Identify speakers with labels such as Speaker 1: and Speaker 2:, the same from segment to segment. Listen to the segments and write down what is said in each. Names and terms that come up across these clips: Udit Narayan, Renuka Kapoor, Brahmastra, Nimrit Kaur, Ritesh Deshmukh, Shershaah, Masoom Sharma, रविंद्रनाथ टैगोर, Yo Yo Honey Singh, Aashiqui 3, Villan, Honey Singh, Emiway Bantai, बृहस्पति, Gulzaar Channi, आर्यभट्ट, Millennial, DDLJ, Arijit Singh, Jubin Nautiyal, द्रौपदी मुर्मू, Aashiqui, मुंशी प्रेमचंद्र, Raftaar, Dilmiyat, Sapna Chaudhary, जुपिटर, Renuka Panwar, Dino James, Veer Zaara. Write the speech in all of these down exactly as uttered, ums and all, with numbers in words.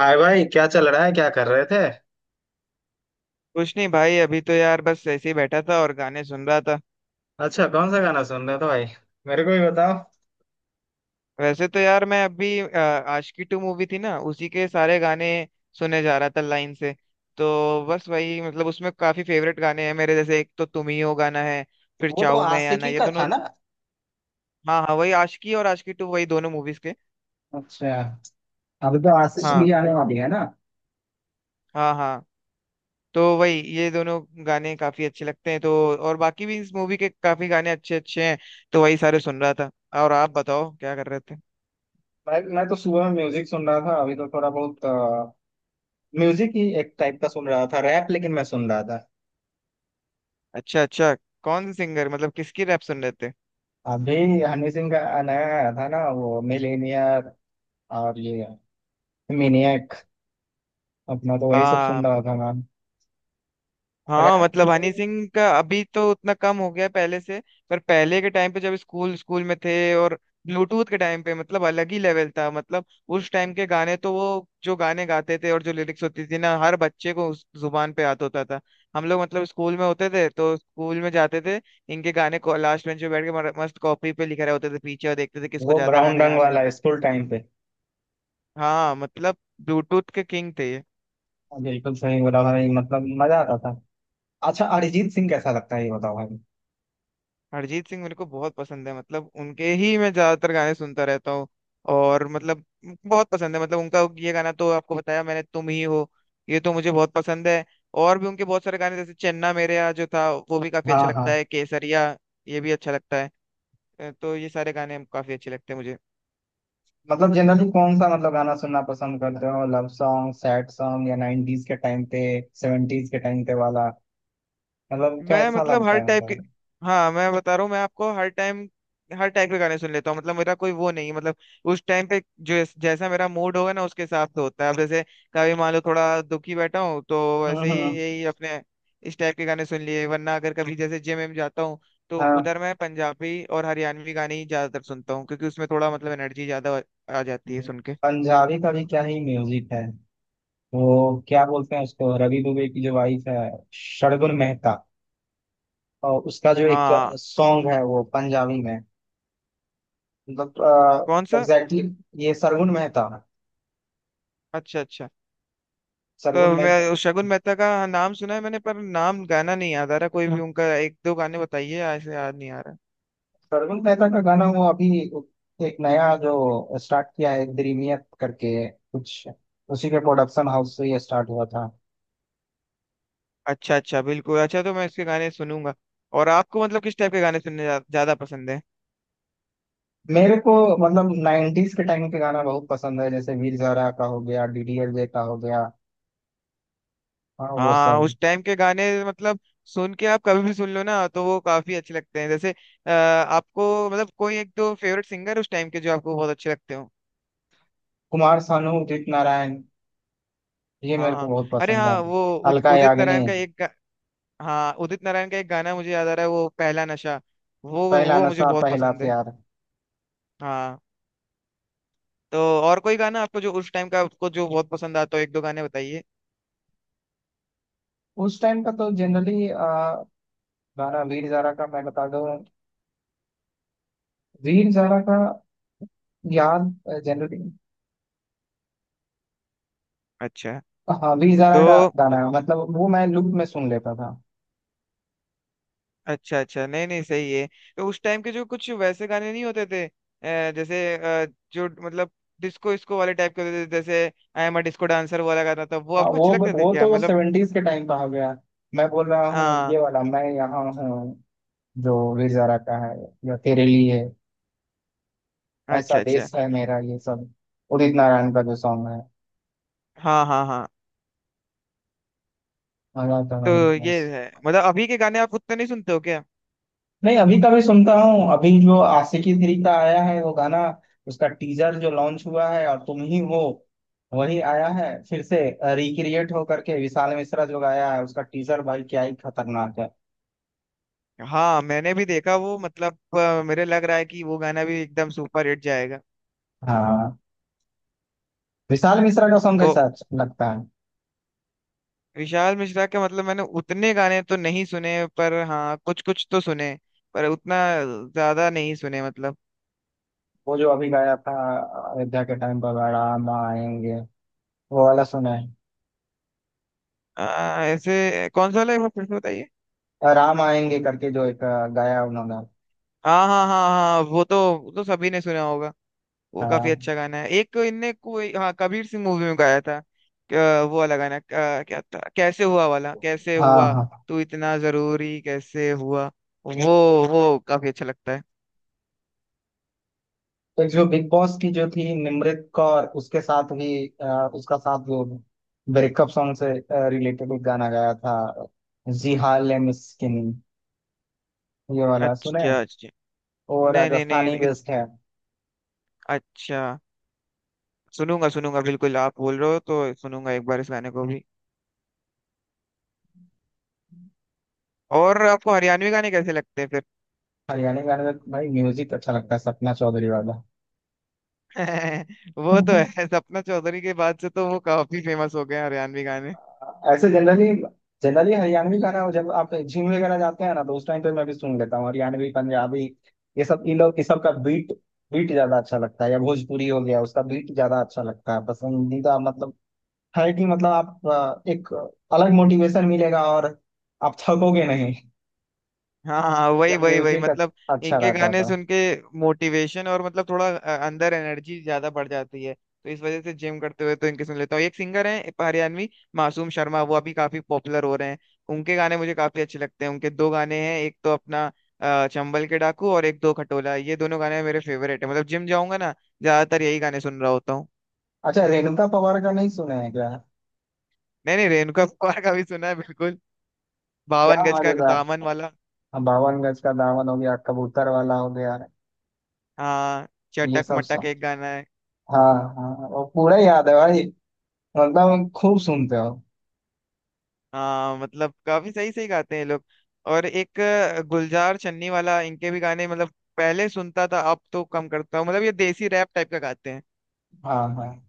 Speaker 1: हाय भाई, क्या चल रहा है? क्या कर रहे थे?
Speaker 2: कुछ नहीं भाई, अभी तो यार बस ऐसे ही बैठा था और गाने सुन रहा था।
Speaker 1: अच्छा, कौन सा गाना सुन रहे थे भाई? मेरे को भी बताओ।
Speaker 2: वैसे तो यार मैं अभी अ, आशिकी टू मूवी थी ना, उसी के सारे गाने सुने जा रहा था लाइन से। तो बस वही मतलब उसमें काफी फेवरेट गाने हैं मेरे, जैसे एक तो तुम ही हो गाना है, फिर
Speaker 1: वो तो
Speaker 2: चाहूं मैं या ना,
Speaker 1: आशिकी
Speaker 2: ये
Speaker 1: का था
Speaker 2: दोनों।
Speaker 1: ना।
Speaker 2: हाँ हाँ, वही आशिकी और आशिकी टू, वही दोनों मूवीज के।
Speaker 1: अच्छा। अभी तो आशीष की
Speaker 2: हाँ।
Speaker 1: आने वाली है ना।
Speaker 2: हाँ हाँ। तो वही ये दोनों गाने काफी अच्छे लगते हैं, तो और बाकी भी इस मूवी के काफी गाने अच्छे अच्छे हैं, तो वही सारे सुन रहा था। और आप बताओ क्या कर रहे थे।
Speaker 1: मैं मैं तो सुबह में म्यूजिक सुन रहा था। अभी तो थोड़ा बहुत अ, म्यूजिक ही एक टाइप का सुन रहा था, रैप लेकिन मैं सुन रहा था।
Speaker 2: अच्छा अच्छा, कौन से सिंगर, मतलब किसकी रैप सुन रहे थे।
Speaker 1: अभी हनी सिंह का नया आया था ना, वो मिलेनियर और ये मिनियक। अपना तो वही सब सुन
Speaker 2: हाँ।
Speaker 1: रहा था मैम।
Speaker 2: हाँ
Speaker 1: रैप
Speaker 2: मतलब हनी
Speaker 1: जनरली।
Speaker 2: सिंह का अभी तो उतना कम हो गया पहले से। पर पहले के टाइम पे जब स्कूल स्कूल में थे और ब्लूटूथ के टाइम पे, मतलब अलग ही लेवल था, मतलब उस टाइम के गाने तो वो, जो गाने गाते थे और जो लिरिक्स होती थी ना, हर बच्चे को उस जुबान पे याद होता था। हम लोग मतलब स्कूल में होते थे तो स्कूल में जाते थे, इनके गाने को लास्ट बेंच पे बैठ के मर- मस्त कॉपी पे लिखे रहे होते थे पीछे, और देखते थे किसको
Speaker 1: वो
Speaker 2: ज्यादा
Speaker 1: ब्राउन
Speaker 2: गाने
Speaker 1: रंग
Speaker 2: याद है।
Speaker 1: वाला स्कूल टाइम पे।
Speaker 2: हाँ मतलब, ब्लूटूथ के किंग थे ये।
Speaker 1: हाँ, बिल्कुल सही बोला भाई, मतलब मजा आता था। अच्छा, अरिजीत सिंह कैसा लगता है ये बताओ भाई।
Speaker 2: अरिजीत सिंह मेरे को बहुत पसंद है, मतलब उनके ही मैं ज्यादातर गाने सुनता रहता हूँ। और मतलब बहुत पसंद है, मतलब उनका ये गाना तो आपको बताया मैंने, तुम ही हो, ये तो मुझे बहुत पसंद है। और भी उनके बहुत सारे गाने जैसे चन्ना मेरेया जो था वो भी काफी अच्छा
Speaker 1: हाँ
Speaker 2: लगता
Speaker 1: हाँ।
Speaker 2: है, केसरिया ये भी अच्छा लगता है। अ, तो ये सारे गाने काफी अच्छे लगते हैं मुझे।
Speaker 1: मतलब जनरली कौन सा, मतलब गाना सुनना पसंद करते हो? लव सॉन्ग, सैड सॉन्ग या नाइंटीज के टाइम पे, सेवेंटीज के टाइम पे वाला, मतलब
Speaker 2: मैं
Speaker 1: कैसा
Speaker 2: मतलब
Speaker 1: लगता
Speaker 2: हर
Speaker 1: है
Speaker 2: टाइप के।
Speaker 1: मतलब?
Speaker 2: हाँ मैं बता रहा हूँ, मैं आपको हर टाइम हर टाइप के गाने सुन लेता हूँ, मतलब मेरा कोई वो नहीं है। मतलब उस टाइम पे जो जैसा मेरा मूड होगा ना, उसके हिसाब से होता है। अब जैसे कभी मान लो थोड़ा दुखी बैठा हूँ, तो
Speaker 1: हम्म
Speaker 2: वैसे ही
Speaker 1: हम्म,
Speaker 2: यही अपने इस टाइप के गाने सुन लिए। वरना अगर कभी जैसे जिम में जाता हूँ, तो
Speaker 1: हाँ।
Speaker 2: उधर मैं पंजाबी और हरियाणवी गाने ही ज्यादातर सुनता हूँ, क्योंकि उसमें थोड़ा मतलब एनर्जी ज्यादा आ जाती है सुन के।
Speaker 1: पंजाबी का भी क्या ही म्यूजिक है। वो क्या बोलते हैं उसको, रवि दुबे की जो वाइफ है, शर्गुन मेहता। और उसका जो एक
Speaker 2: हाँ।
Speaker 1: सॉन्ग है वो पंजाबी में, मतलब।
Speaker 2: कौन सा।
Speaker 1: एग्जैक्टली exactly, ये सरगुन मेहता।
Speaker 2: अच्छा अच्छा,
Speaker 1: सरगुन
Speaker 2: तो मैं
Speaker 1: मेहता।
Speaker 2: उस शगुन मेहता का नाम सुना है मैंने, पर नाम गाना नहीं याद आ रहा, कोई भी उनका एक दो गाने बताइए, ऐसे याद नहीं आ रहा।
Speaker 1: सरगुल मेहता का गाना वो अभी, एक नया जो स्टार्ट किया है दिलमियत करके कुछ, उसी के प्रोडक्शन हाउस से ये स्टार्ट हुआ था।
Speaker 2: अच्छा अच्छा, बिल्कुल, अच्छा तो मैं इसके गाने सुनूंगा। और आपको मतलब किस टाइप के गाने सुनने ज्या- ज्यादा पसंद है।
Speaker 1: मेरे को मतलब नाइंटीज के टाइम के गाना बहुत पसंद है, जैसे वीर ज़ारा का हो गया, डीडीएलजे का हो गया। हाँ वो
Speaker 2: हाँ
Speaker 1: सब।
Speaker 2: उस टाइम के गाने मतलब, सुन के आप कभी भी सुन लो ना तो वो काफी अच्छे लगते हैं, जैसे अ, आपको मतलब कोई एक दो फेवरेट सिंगर उस टाइम के जो आपको बहुत अच्छे लगते हो।
Speaker 1: कुमार सानू, उदित नारायण, ये मेरे को
Speaker 2: हाँ।
Speaker 1: बहुत
Speaker 2: अरे
Speaker 1: पसंद है।
Speaker 2: हाँ वो उद,
Speaker 1: अलका
Speaker 2: उदित नारायण का
Speaker 1: याग्निक।
Speaker 2: एक गा, हाँ उदित नारायण का एक गाना मुझे याद आ रहा है, वो पहला नशा, वो
Speaker 1: पहला
Speaker 2: वो मुझे
Speaker 1: नशा
Speaker 2: बहुत
Speaker 1: पहला
Speaker 2: पसंद है।
Speaker 1: प्यार।
Speaker 2: हाँ। तो और कोई गाना आपको जो उस टाइम का आपको जो बहुत पसंद आता हो, एक दो गाने बताइए।
Speaker 1: उस टाइम का तो जनरली गाना वीर ज़ारा का मैं बता दूं, वीर ज़ारा का, याद, जनरली।
Speaker 2: अच्छा।
Speaker 1: हाँ वी जारा
Speaker 2: तो
Speaker 1: का गाना है, मतलब वो मैं लूप में सुन लेता था।
Speaker 2: अच्छा अच्छा, नहीं नहीं सही है। तो उस टाइम के जो कुछ वैसे गाने नहीं होते थे, अ, जैसे अ, जो मतलब डिस्को इसको वाले टाइप के होते थे जैसे I am a disco dancer वाला गाना था, वो
Speaker 1: हाँ।
Speaker 2: आपको
Speaker 1: वो
Speaker 2: अच्छे लगते थे
Speaker 1: वो
Speaker 2: क्या
Speaker 1: तो
Speaker 2: मतलब।
Speaker 1: सेवेंटीज के टाइम का हो गया। मैं बोल रहा हूँ
Speaker 2: हाँ।
Speaker 1: ये वाला, मैं यहाँ हूँ, जो वी जारा का है, या तेरे लिए, ऐसा
Speaker 2: अच्छा अच्छा।
Speaker 1: देश है मेरा, ये सब उदित नारायण का जो सॉन्ग है।
Speaker 2: हाँ हाँ हाँ।
Speaker 1: मजा तो
Speaker 2: तो
Speaker 1: नहीं
Speaker 2: ये
Speaker 1: बस।
Speaker 2: है, मतलब अभी के गाने आप उतने नहीं सुनते हो क्या।
Speaker 1: नहीं, अभी का भी सुनता हूँ। अभी जो आशिकी थ्री का आया है वो गाना, उसका टीजर जो लॉन्च हुआ है, और तुम ही हो वही आया है फिर से रिक्रिएट हो करके। विशाल मिश्रा जो गाया है, उसका टीजर भाई क्या ही खतरनाक है।
Speaker 2: हाँ मैंने भी देखा वो, मतलब अ, मेरे लग रहा है कि वो गाना भी एकदम सुपर हिट जाएगा।
Speaker 1: हाँ। विशाल मिश्रा का सॉन्ग
Speaker 2: तो
Speaker 1: कैसा अच्छा लगता है।
Speaker 2: विशाल मिश्रा के मतलब मैंने उतने गाने तो नहीं सुने, पर हाँ कुछ कुछ तो सुने, पर उतना ज्यादा नहीं सुने मतलब।
Speaker 1: वो जो अभी गाया था, अयोध्या के टाइम पर, राम आएंगे, वो वाला सुना है?
Speaker 2: आ, ऐसे कौन सा वाला है, एक बार फिर से बताइए।
Speaker 1: राम आएंगे करके जो एक अ, गाया उन्होंने।
Speaker 2: हाँ हाँ हाँ हाँ, वो तो, वो तो सभी ने सुना होगा। वो काफी
Speaker 1: हाँ
Speaker 2: अच्छा गाना है। एक इनने कोई हाँ कबीर सिंह मूवी में गाया था। क्या- वो वाला गाना क्या, क्या था, कैसे हुआ वाला, कैसे
Speaker 1: हाँ
Speaker 2: हुआ,
Speaker 1: हाँ।
Speaker 2: तू इतना जरूरी कैसे हुआ, वो वो काफी अच्छा लगता है।
Speaker 1: तो जो बिग बॉस की जो थी निमृत कौर, उसके साथ भी अ, उसका साथ जो ब्रेकअप सॉन्ग से रिलेटेड एक गाना गाया था, जी हाल है मिस्किन, ये वाला सुने हैं?
Speaker 2: अच्छा अच्छा।
Speaker 1: वो
Speaker 2: नहीं नहीं
Speaker 1: राजस्थानी
Speaker 2: नहीं इत-
Speaker 1: बेस्ड है।
Speaker 2: अच्छा, सुनूंगा सुनूंगा, बिल्कुल आप बोल रहे हो तो सुनूंगा एक बार इस गाने को भी। और आपको हरियाणवी गाने कैसे लगते हैं फिर।
Speaker 1: हरियाणा गाने में भाई म्यूजिक अच्छा लगता है, सपना चौधरी वाला।
Speaker 2: वो तो है, सपना चौधरी के बाद से तो वो काफी फेमस हो गए हैं हरियाणवी गाने।
Speaker 1: ऐसे जनरली, जनरली हरियाणवी गाना जब आप जिम वगैरह जाते हैं ना, तो उस टाइम पे मैं भी सुन लेता हूँ हरियाणवी, पंजाबी, ये सब। इन लोग इस सब का बीट, बीट ज्यादा अच्छा लगता है, या भोजपुरी हो गया उसका बीट ज्यादा अच्छा लगता है, पसंदीदा मतलब। है कि मतलब आप अ, एक अलग मोटिवेशन मिलेगा और आप थकोगे नहीं,
Speaker 2: हाँ हाँ, वही
Speaker 1: जब
Speaker 2: वही वही
Speaker 1: म्यूजिक
Speaker 2: मतलब
Speaker 1: अच्छा
Speaker 2: इनके
Speaker 1: रहता
Speaker 2: गाने
Speaker 1: था।
Speaker 2: सुन के मोटिवेशन और मतलब थोड़ा अ, अंदर एनर्जी ज्यादा बढ़ जाती है, तो इस वजह से जिम करते हुए तो इनके सुन लेता हूँ। एक सिंगर है हरियाणवी, मासूम शर्मा, वो अभी काफी पॉपुलर हो रहे हैं। उनके गाने मुझे काफी अच्छे लगते हैं, उनके दो गाने हैं, एक तो अपना अ, चंबल के डाकू, और एक दो खटोला, ये दोनों गाने मेरे फेवरेट है, मतलब जिम जाऊंगा ना, ज्यादातर यही गाने सुन रहा होता हूँ।
Speaker 1: अच्छा, रेणुका पवार का नहीं सुने हैं क्या?
Speaker 2: नहीं नहीं, रेणुका कपूर का भी सुना है बिल्कुल, बावन
Speaker 1: क्या
Speaker 2: गज का
Speaker 1: मजेदार।
Speaker 2: दामन वाला।
Speaker 1: हाँ, बावन गज का दामन हो गया, कबूतर वाला हो गया,
Speaker 2: हाँ,
Speaker 1: ये
Speaker 2: चटक
Speaker 1: सब।
Speaker 2: मटक एक गाना है।
Speaker 1: हाँ हाँ हाँ, वो पूरा याद है भाई, मतलब खूब सुनते हो।
Speaker 2: हाँ मतलब काफी सही सही गाते हैं ये लोग। और एक अ, गुलजार चन्नी वाला, इनके भी गाने मतलब पहले सुनता था, अब तो कम करता हूँ, मतलब ये देसी रैप टाइप का गाते हैं।
Speaker 1: हाँ हाँ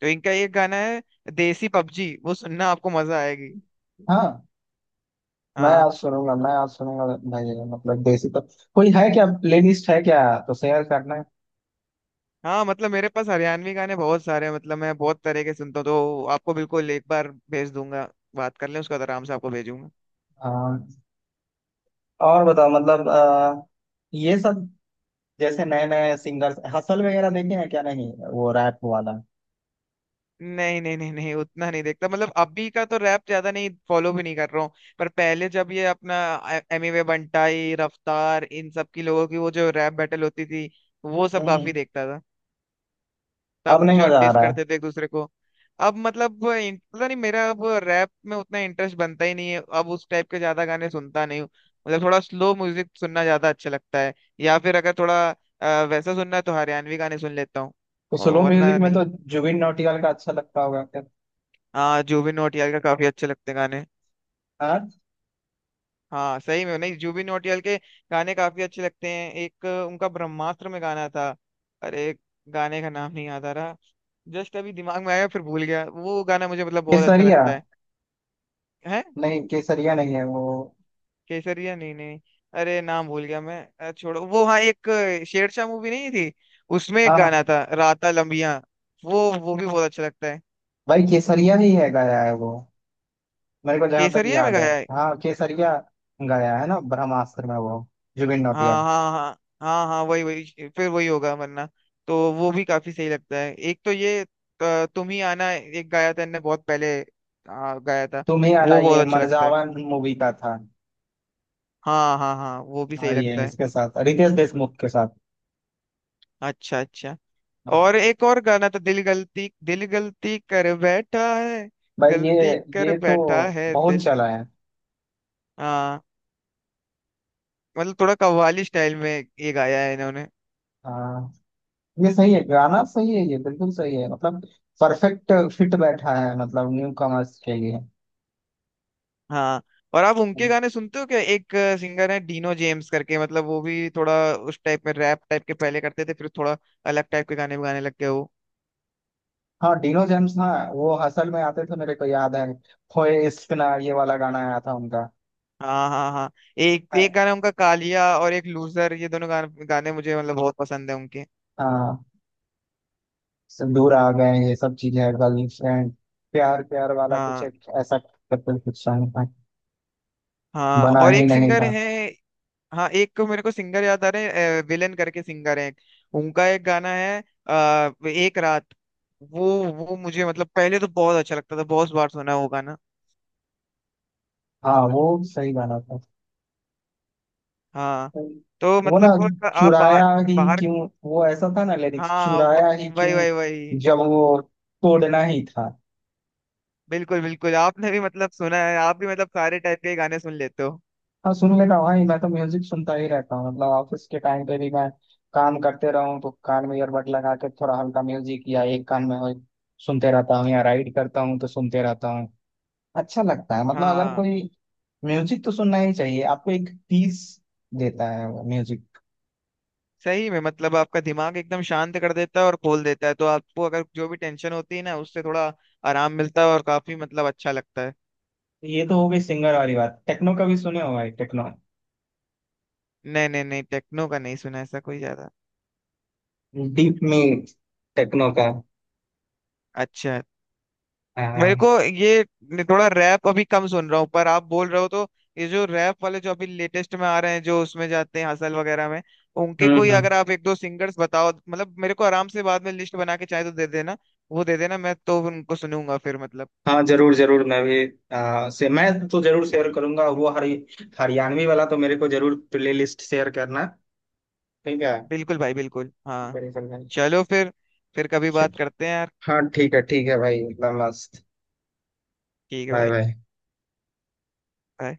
Speaker 2: तो इनका एक गाना है देसी पबजी, वो सुनना आपको मजा आएगी।
Speaker 1: हाँ, मैं
Speaker 2: हाँ।
Speaker 1: आज सुनूंगा, मैं आज सुनूंगा भाई। मतलब देसी तो कोई है क्या, प्लेलिस्ट है क्या? तो शेयर करना है।
Speaker 2: हाँ मतलब मेरे पास हरियाणवी गाने बहुत सारे हैं, मतलब मैं बहुत तरह के सुनता हूँ, तो आपको बिल्कुल एक बार भेज दूंगा, बात कर लें उसका, तो आराम से आपको भेजूंगा।
Speaker 1: हाँ। और बताओ, मतलब अ, ये सब जैसे नए नए सिंगर्स, हसल वगैरह देखे हैं क्या? नहीं वो रैप वाला।
Speaker 2: नहीं नहीं नहीं नहीं उतना नहीं देखता, मतलब अभी का तो रैप ज्यादा नहीं फॉलो भी नहीं कर रहा हूँ। पर पहले जब ये अपना एमिवे बंटाई, रफ्तार, इन सब की लोगों की वो जो रैप बैटल होती थी, वो सब
Speaker 1: हम्म
Speaker 2: काफी
Speaker 1: हम्म।
Speaker 2: देखता था,
Speaker 1: अब
Speaker 2: तब
Speaker 1: नहीं
Speaker 2: जो
Speaker 1: मजा आ
Speaker 2: डिस
Speaker 1: रहा है।
Speaker 2: करते थे एक दूसरे को। अब मतलब वो इन- पता नहीं मेरा अब रैप में उतना इंटरेस्ट बनता ही नहीं है, अब उस टाइप के ज्यादा गाने सुनता नहीं हूँ। मतलब थोड़ा स्लो म्यूजिक सुनना ज्यादा अच्छा लगता है, या फिर अगर थोड़ा अ, वैसा सुनना है तो हरियाणवी गाने सुन लेता हूँ,
Speaker 1: तो स्लो
Speaker 2: वरना
Speaker 1: म्यूजिक में
Speaker 2: नहीं।
Speaker 1: तो जुबिन नौटियाल का अच्छा लगता होगा क्या?
Speaker 2: हाँ जुबिन नौटियाल का काफी अच्छे लगते हैं गाने।
Speaker 1: हाँ।
Speaker 2: हाँ सही में, नहीं जुबिन नौटियाल के गाने काफी अच्छे लगते हैं। एक अ, उनका ब्रह्मास्त्र में गाना था, अरे गाने का नाम नहीं याद आ रहा, जस्ट अभी दिमाग में आया फिर भूल गया, वो गाना मुझे मतलब बहुत अच्छा
Speaker 1: केसरिया।
Speaker 2: लगता है। है।
Speaker 1: नहीं केसरिया नहीं है वो।
Speaker 2: केसरिया नहीं नहीं, अरे नाम भूल गया मैं, अ, छोड़ो वो, हाँ एक अ, शेरशाह मूवी नहीं थी, उसमें एक
Speaker 1: हाँ हाँ।
Speaker 2: गाना था राता लंबिया, वो वो भी बहुत अच्छा लगता है।
Speaker 1: भाई केसरिया ही है गाया है वो, मेरे को जहां तक
Speaker 2: केसरिया में
Speaker 1: याद है,
Speaker 2: गाया है,
Speaker 1: हाँ केसरिया। गया है ना, ब्रह्मास्त्र में वो, जुबिन
Speaker 2: हाँ
Speaker 1: नौटियाल।
Speaker 2: हाँ हाँ। हाँ हाँ वही वही फिर वही होगा वरना। तो वो भी काफी सही लगता है। एक तो ये अ, तुम ही आना, एक गाया था इनने बहुत पहले, आ, गाया था,
Speaker 1: तुम ही आना
Speaker 2: वो बहुत
Speaker 1: ये
Speaker 2: अच्छा लगता है।
Speaker 1: मरजावन मूवी का था।
Speaker 2: हाँ हाँ हाँ, वो भी
Speaker 1: हाँ
Speaker 2: सही
Speaker 1: ये
Speaker 2: लगता है।
Speaker 1: इसके साथ, रितेश देशमुख के साथ।
Speaker 2: अच्छा अच्छा। और
Speaker 1: हाँ।
Speaker 2: एक और गाना था, दिल गलती दिल गलती कर बैठा है,
Speaker 1: भाई ये
Speaker 2: गलती कर
Speaker 1: ये तो
Speaker 2: बैठा है
Speaker 1: बहुत
Speaker 2: दिल।
Speaker 1: चला है।
Speaker 2: हाँ मतलब थोड़ा कव्वाली स्टाइल में ये गाया है इन्होंने।
Speaker 1: हाँ ये सही है, गाना सही है, ये बिल्कुल सही है, मतलब परफेक्ट फिट बैठा है, मतलब न्यू कमर्स के लिए।
Speaker 2: हाँ, और आप उनके गाने सुनते हो क्या, एक सिंगर है डीनो जेम्स करके, मतलब वो भी थोड़ा उस टाइप में रैप टाइप के पहले करते थे, फिर थोड़ा अलग टाइप के गाने भी गाने लग गए वो।
Speaker 1: हाँ डिनो जेम्स, हाँ वो हसल में आते थे मेरे को याद है। होए इश्क ना, ये वाला गाना आया था उनका।
Speaker 2: हाँ हाँ हाँ। एक एक गाना उनका कालिया, और एक लूजर, ये दोनों गाने गाने मुझे मतलब बहुत पसंद है उनके।
Speaker 1: हाँ। सब दूर आ गए, ये सब चीजें है, गर्लफ्रेंड, प्यार प्यार वाला कुछ
Speaker 2: हाँ।
Speaker 1: एक ऐसा करके कुछ सॉन्ग था।
Speaker 2: हाँ
Speaker 1: बना
Speaker 2: और
Speaker 1: ही
Speaker 2: एक
Speaker 1: नहीं
Speaker 2: सिंगर
Speaker 1: था।
Speaker 2: है, हाँ एक को मेरे को सिंगर याद आ रहे हैं, विलन करके सिंगर है, उनका एक गाना है अ, एक रात, वो वो मुझे मतलब पहले तो बहुत अच्छा लगता था, बहुत बार सुना है वो गाना।
Speaker 1: हाँ वो सही गाना था।
Speaker 2: हाँ। तो
Speaker 1: वो ना,
Speaker 2: मतलब बहुत- आप
Speaker 1: चुराया
Speaker 2: बाहर,
Speaker 1: ही
Speaker 2: बाहर
Speaker 1: क्यों, वो ऐसा था ना लिरिक्स,
Speaker 2: हाँ व-
Speaker 1: चुराया ही
Speaker 2: वही
Speaker 1: क्यों
Speaker 2: वही वही
Speaker 1: जब वो तोड़ना ही था।
Speaker 2: बिल्कुल बिल्कुल, आपने भी मतलब सुना है, आप भी मतलब सारे टाइप के गाने सुन लेते हो।
Speaker 1: हाँ सुन लेता हूँ भाई, मैं तो म्यूजिक सुनता ही रहता हूँ, मतलब ऑफिस के टाइम पे भी मैं काम करते रहूँ तो कान में ईयरबड लगा के थोड़ा हल्का म्यूजिक या एक कान में हो, सुनते रहता हूँ, या राइड करता हूँ तो सुनते रहता हूँ। अच्छा लगता है, मतलब अगर
Speaker 2: हाँ
Speaker 1: कोई। म्यूजिक तो सुनना ही चाहिए आपको, एक पीस देता है वो म्यूजिक।
Speaker 2: सही में मतलब आपका दिमाग एकदम शांत कर देता है और खोल देता है, तो आपको अगर जो भी टेंशन होती है ना, उससे थोड़ा आराम मिलता है, और काफी मतलब अच्छा लगता है।
Speaker 1: ये तो हो गई सिंगर वाली बात, टेक्नो का भी सुने हो भाई, टेक्नो
Speaker 2: नहीं नहीं नहीं टेक्नो का नहीं सुना ऐसा कोई ज्यादा।
Speaker 1: डीप में टेक्नो का।
Speaker 2: अच्छा।
Speaker 1: आ,
Speaker 2: मेरे को ये थोड़ा रैप अभी कम सुन रहा हूँ, पर आप बोल रहे हो तो, ये जो रैप वाले जो अभी लेटेस्ट में आ रहे हैं, जो उसमें जाते हैं हसल वगैरह में, उनके
Speaker 1: हम्म
Speaker 2: कोई
Speaker 1: हम्म
Speaker 2: अगर आप एक दो सिंगर्स बताओ, मतलब मेरे को आराम से बाद में लिस्ट बना के चाहे तो दे देना, वो दे देना, मैं तो उनको सुनूंगा फिर मतलब।
Speaker 1: हाँ जरूर जरूर। मैं भी आ, से मैं तो जरूर शेयर करूंगा वो हरि, हरियाणवी वाला तो मेरे को जरूर प्ले लिस्ट शेयर करना। ठीक है।
Speaker 2: बिल्कुल भाई बिल्कुल, हाँ
Speaker 1: बड़ी सर भाई।
Speaker 2: चलो फिर फिर कभी बात करते हैं यार।
Speaker 1: हाँ ठीक है, ठीक है भाई, इतना मस्त।
Speaker 2: ठीक है
Speaker 1: बाय
Speaker 2: भाई।
Speaker 1: बाय।
Speaker 2: bye.